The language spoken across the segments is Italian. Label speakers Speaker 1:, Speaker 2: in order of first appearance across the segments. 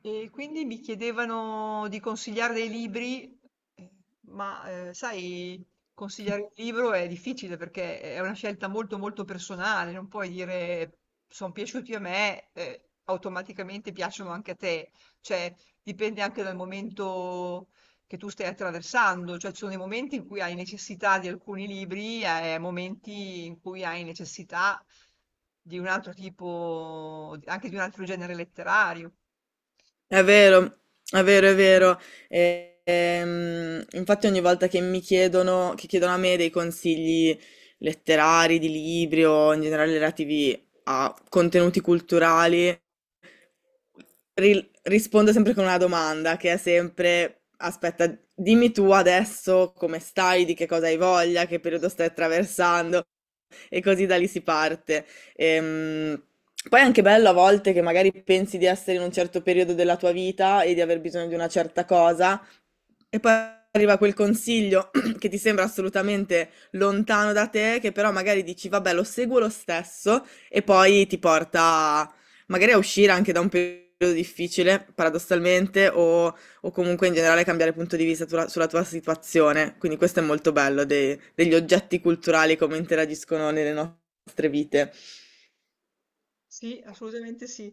Speaker 1: E quindi mi chiedevano di consigliare dei libri, eh, sai, consigliare un libro è difficile perché è una scelta molto molto personale. Non puoi dire sono piaciuti a me, automaticamente piacciono anche a te, cioè dipende anche dal momento che tu stai attraversando. Cioè ci sono dei momenti in cui hai necessità di alcuni libri e momenti in cui hai necessità di un altro tipo, anche di un altro genere letterario.
Speaker 2: È vero, è vero, è vero. Infatti ogni volta che mi chiedono, che chiedono a me dei consigli letterari, di libri o in generale relativi a contenuti culturali, rispondo sempre con una domanda che è sempre, aspetta, dimmi tu adesso come stai, di che cosa hai voglia, che periodo stai attraversando e così da lì si parte. Ehm, Poi è anche bello a volte che magari pensi di essere in un certo periodo della tua vita e di aver bisogno di una certa cosa, e poi arriva quel consiglio che ti sembra assolutamente lontano da te, che però magari dici, vabbè, lo seguo lo stesso, e poi ti porta magari a uscire anche da un periodo difficile, paradossalmente, o comunque in generale cambiare punto di vista sulla tua situazione. Quindi questo è molto bello, degli oggetti culturali come interagiscono nelle nostre vite.
Speaker 1: Sì, assolutamente sì.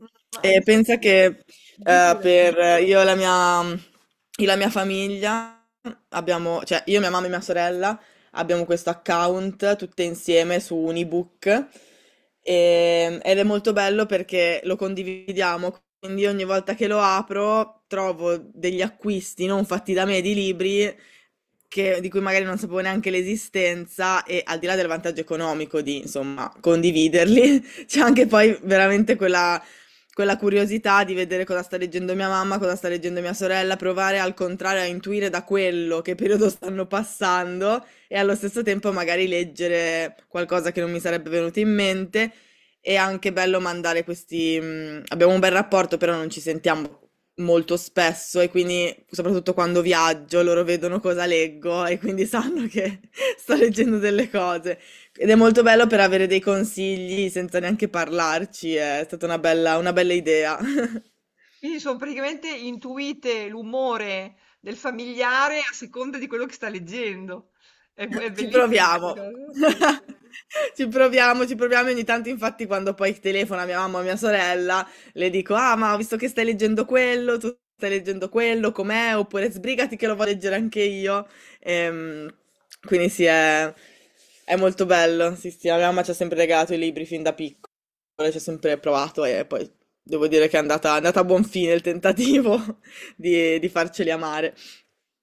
Speaker 1: Mm, ma ad
Speaker 2: E pensa
Speaker 1: esempio,
Speaker 2: che
Speaker 1: di' pure.
Speaker 2: per io e la mia, io e la mia famiglia abbiamo, cioè io, mia mamma e mia sorella abbiamo questo account tutte insieme su un ebook ed è molto bello perché lo condividiamo, quindi ogni volta che lo apro trovo degli acquisti non fatti da me di libri di cui magari non sapevo neanche l'esistenza e al di là del vantaggio economico di, insomma, condividerli, c'è anche poi veramente quella curiosità di vedere cosa sta leggendo mia mamma, cosa sta leggendo mia sorella, provare al contrario a intuire da quello che periodo stanno passando e allo stesso tempo magari leggere qualcosa che non mi sarebbe venuto in mente. È anche bello mandare questi... abbiamo un bel rapporto, però non ci sentiamo molto spesso e quindi soprattutto quando viaggio loro vedono cosa leggo e quindi sanno che sto leggendo delle cose. Ed è molto bello per avere dei consigli senza neanche parlarci, è stata una bella idea.
Speaker 1: Quindi sono praticamente intuite l'umore del familiare a seconda di quello che sta leggendo. È, è
Speaker 2: Ci
Speaker 1: bellissima questa
Speaker 2: proviamo.
Speaker 1: cosa.
Speaker 2: Ci proviamo e ogni tanto infatti quando poi telefona mia mamma o mia sorella, le dico: "Ah, ma ho visto che stai leggendo quello, tu stai leggendo quello, com'è?" Oppure: "Sbrigati che lo voglio leggere anche io". Ehm, quindi sì, è molto bello. Sì, sì, la mia mamma ci ha sempre regalato i libri fin da piccola. Ci ho sempre provato e poi devo dire che è andata a buon fine il tentativo di farceli amare.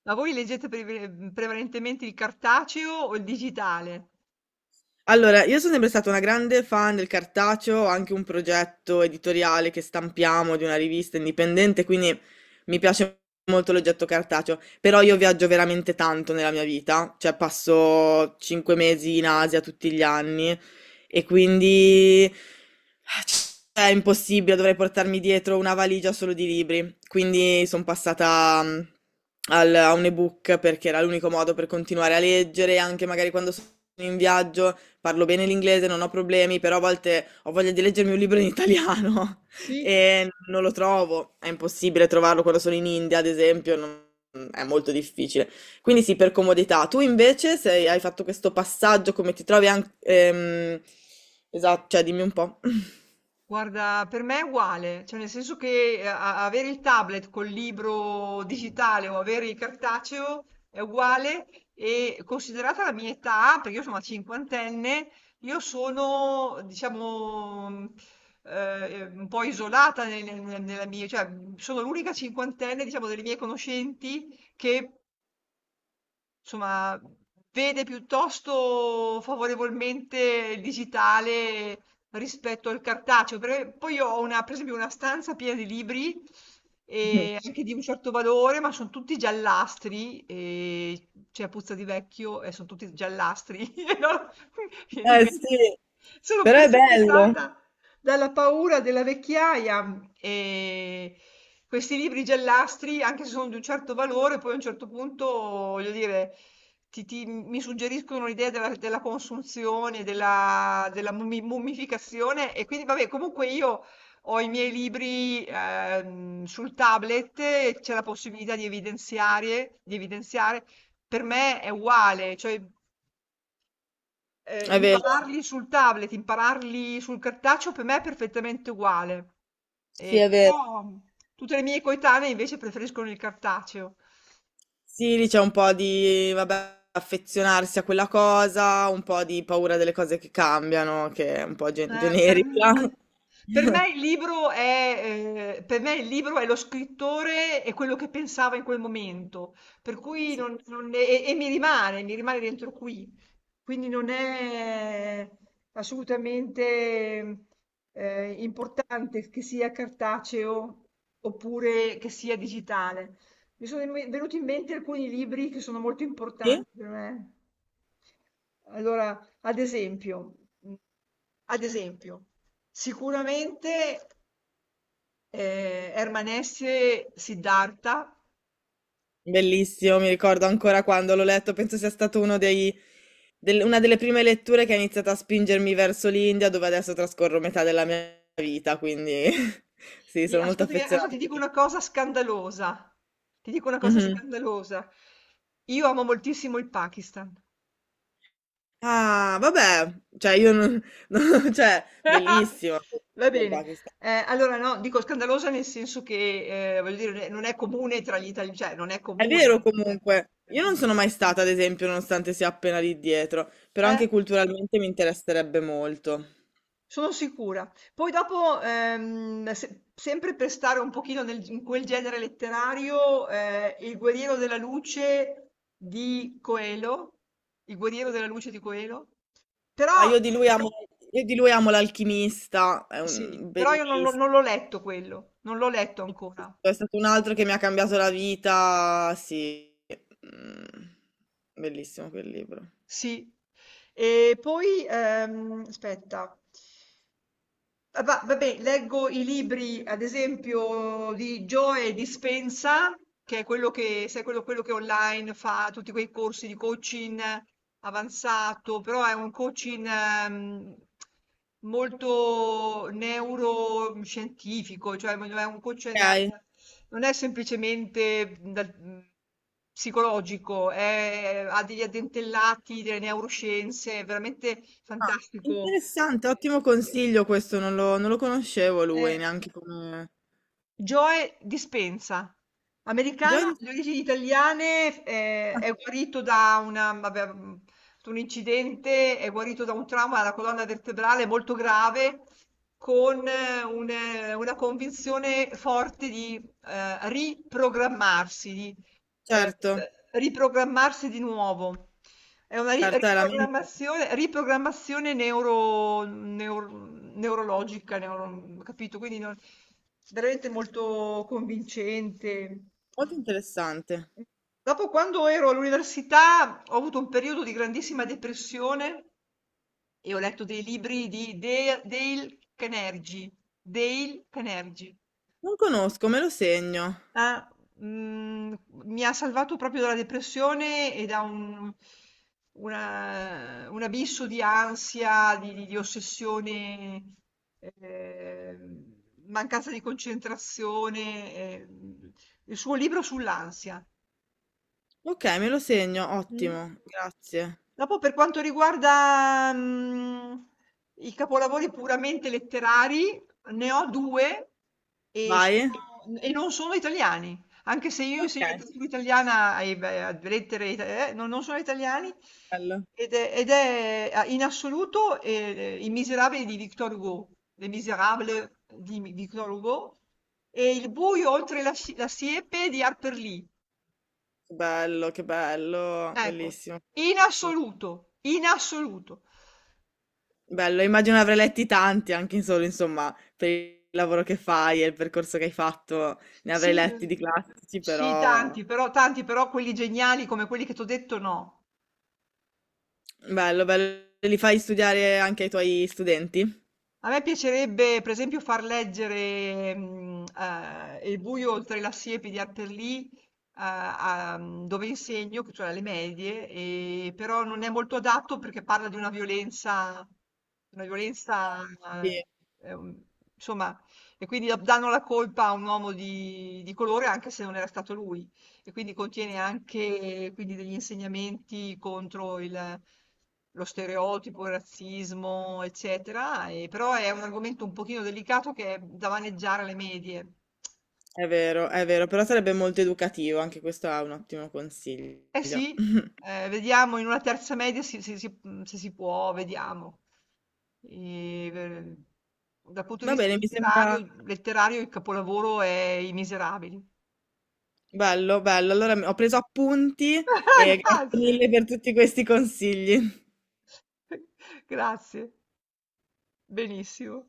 Speaker 1: Ma voi leggete prevalentemente il cartaceo o il digitale?
Speaker 2: Allora, io sono sempre stata una grande fan del cartaceo, ho anche un progetto editoriale che stampiamo di una rivista indipendente, quindi mi piace molto l'oggetto cartaceo, però io viaggio veramente tanto nella mia vita, cioè passo cinque mesi in Asia tutti gli anni e quindi cioè, è impossibile, dovrei portarmi dietro una valigia solo di libri, quindi sono passata a un ebook perché era l'unico modo per continuare a leggere, anche magari quando sono in viaggio. Parlo bene l'inglese, non ho problemi, però a volte ho voglia di leggermi un libro in italiano
Speaker 1: Sì,
Speaker 2: e non lo trovo. È impossibile trovarlo quando sono in India, ad esempio, è molto difficile. Quindi sì, per comodità. Tu invece hai fatto questo passaggio, come ti trovi anche... esatto, cioè dimmi un po'.
Speaker 1: guarda, per me è uguale, cioè nel senso che avere il tablet col libro digitale o avere il cartaceo è uguale. E considerata la mia età, perché io sono una cinquantenne, io sono, diciamo, un po' isolata nella mia, cioè sono l'unica cinquantenne, diciamo, delle mie conoscenti che insomma, vede piuttosto favorevolmente il digitale rispetto al cartaceo, perché poi io ho una, per esempio una stanza piena di libri, e anche di un certo valore, ma sono tutti giallastri, e c'è puzza di vecchio e sono tutti giallastri. E allora, viene in
Speaker 2: Eh
Speaker 1: mente.
Speaker 2: sì,
Speaker 1: Sono
Speaker 2: però è bello.
Speaker 1: perseguitata dalla paura della vecchiaia. Questi libri giallastri, anche se sono di un certo valore, poi a un certo punto, voglio dire, ti ti mi suggeriscono l'idea della consunzione, della mummificazione. E quindi vabbè, comunque io ho i miei libri, sul tablet e c'è la possibilità di evidenziare. Per me è uguale, cioè
Speaker 2: È vero.
Speaker 1: impararli sul tablet, impararli sul cartaceo per me è perfettamente uguale.
Speaker 2: Sì,
Speaker 1: E
Speaker 2: è vero.
Speaker 1: però mm, tutte le mie coetanee invece preferiscono il cartaceo.
Speaker 2: Sì, lì c'è un po' di, vabbè, affezionarsi a quella cosa, un po' di paura delle cose che cambiano, che è un po'
Speaker 1: Eh, per
Speaker 2: generica.
Speaker 1: n per me il libro è lo scrittore e quello che pensava in quel momento, per cui non non e e mi rimane dentro qui. Quindi non è assolutamente, importante che sia cartaceo oppure che sia digitale. Mi sono in me venuti in mente alcuni libri che sono molto
Speaker 2: Sì,
Speaker 1: importanti per me. Allora ad esempio, mh, ad esempio, sicuramente Herman Hesse, Siddhartha.
Speaker 2: bellissimo, mi ricordo ancora quando l'ho letto, penso sia stato una delle prime letture che ha iniziato a spingermi verso l'India, dove adesso trascorro metà della mia vita, quindi sì, sono molto
Speaker 1: Ascoltami, adesso
Speaker 2: affezionata
Speaker 1: ti
Speaker 2: a
Speaker 1: dico
Speaker 2: quello.
Speaker 1: una cosa scandalosa. Ti dico una cosa
Speaker 2: Mhm.
Speaker 1: scandalosa. Io amo moltissimo il Pakistan.
Speaker 2: Ah, vabbè, cioè io non, cioè, bellissimo.
Speaker 1: Va bene. Allora, no, dico scandalosa nel senso che, voglio dire, non è comune tra gli italiani, cioè non è
Speaker 2: È
Speaker 1: comune.
Speaker 2: vero
Speaker 1: Ecco.
Speaker 2: comunque, io
Speaker 1: Mm.
Speaker 2: non sono mai stata, ad esempio, nonostante sia appena lì dietro, però
Speaker 1: Eh?
Speaker 2: anche culturalmente mi interesserebbe molto.
Speaker 1: Sono sicura. Poi dopo, se sempre per stare un pochino nel in quel genere letterario, Il guerriero della luce di Coelho, Il guerriero della luce di Coelho,
Speaker 2: Ah,
Speaker 1: però
Speaker 2: io di lui amo, io di lui amo l'alchimista, è
Speaker 1: sì,
Speaker 2: un
Speaker 1: però io
Speaker 2: bellissimo.
Speaker 1: non l'ho letto quello, non l'ho letto ancora.
Speaker 2: È stato un altro che mi ha cambiato la vita, sì. Mm, bellissimo quel libro.
Speaker 1: Sì. E poi, aspetta. Ah, vabbè, leggo i libri, ad esempio, di Joe Dispenza, che è quello che, sai, quello che online fa tutti quei corsi di coaching avanzato, però è un coaching molto neuroscientifico, cioè è un coaching,
Speaker 2: Ok.
Speaker 1: non è semplicemente psicologico, ha degli addentellati delle neuroscienze, è veramente
Speaker 2: Ah,
Speaker 1: fantastico.
Speaker 2: interessante, ottimo consiglio questo, non lo conoscevo lui
Speaker 1: Eh,
Speaker 2: neanche come...
Speaker 1: Joe Dispenza,
Speaker 2: Joy
Speaker 1: americano
Speaker 2: di-
Speaker 1: di origini italiane,
Speaker 2: Ah,
Speaker 1: è guarito da vabbè, un incidente, è guarito da un trauma alla colonna vertebrale molto grave, con una convinzione forte di riprogrammarsi, di eh,
Speaker 2: certo,
Speaker 1: riprogrammarsi di nuovo. È una ri
Speaker 2: certo, è la mente.
Speaker 1: riprogrammazione neurologica, neuro, capito? Quindi non, veramente molto convincente.
Speaker 2: Molto interessante.
Speaker 1: Dopo quando ero all'università ho avuto un periodo di grandissima depressione e ho letto dei libri di Dea Dale Carnegie, Dale Carnegie.
Speaker 2: Non conosco, me lo segno.
Speaker 1: Ah, mhmm, mi ha salvato proprio dalla depressione e da un abisso di ansia, di ossessione, ehm, mancanza di concentrazione, il suo libro sull'ansia.
Speaker 2: Ok, me lo segno,
Speaker 1: Mh.
Speaker 2: ottimo, grazie.
Speaker 1: Dopo per quanto riguarda, mhmm, i capolavori puramente letterari, ne ho 2 e
Speaker 2: Vai?
Speaker 1: sono n e non sono italiani, anche se io insegno
Speaker 2: Ok,
Speaker 1: letteratura italiana e beh, a lettere ita no, non sono italiani
Speaker 2: bello.
Speaker 1: ed è a in assoluto, I Misérables di Victor Hugo, Les Misérables di Mi Victor Hugo e Il buio oltre la siepe di Harper Lee.
Speaker 2: Che bello, che bello,
Speaker 1: Ecco,
Speaker 2: bellissimo.
Speaker 1: in
Speaker 2: Sì.
Speaker 1: assoluto, in assoluto.
Speaker 2: Bello, immagino avrai letti tanti anche in solo, insomma, per il lavoro che fai e il percorso che hai fatto, ne avrei
Speaker 1: Sì,
Speaker 2: letti di
Speaker 1: mhmm,
Speaker 2: classici,
Speaker 1: sì
Speaker 2: però
Speaker 1: tanti, però quelli geniali come quelli che t'ho detto no.
Speaker 2: bello, bello. Li fai studiare anche ai tuoi studenti?
Speaker 1: A me piacerebbe, per esempio, far leggere Il buio oltre la siepe di Harper Lee, dove insegno, cioè alle medie, però non è molto adatto perché parla di una violenza,
Speaker 2: Sì.
Speaker 1: eh, ehm, insomma, e quindi danno la colpa a un uomo di colore anche se non era stato lui. E quindi contiene anche quindi, degli insegnamenti contro lo stereotipo, il razzismo, eccetera. E, però è un argomento un pochino delicato che è da maneggiare alle medie.
Speaker 2: È vero, però sarebbe molto educativo, anche questo è un ottimo
Speaker 1: Eh
Speaker 2: consiglio.
Speaker 1: sì, vediamo in una terza media se si può, vediamo. E, eh, Dal punto di
Speaker 2: Va
Speaker 1: vista
Speaker 2: bene, mi sembra
Speaker 1: letterario, letterario il capolavoro è I Miserabili.
Speaker 2: bello, bello. Allora
Speaker 1: Eh.
Speaker 2: ho preso appunti e grazie
Speaker 1: Grazie,
Speaker 2: mille per tutti questi consigli.
Speaker 1: grazie, benissimo.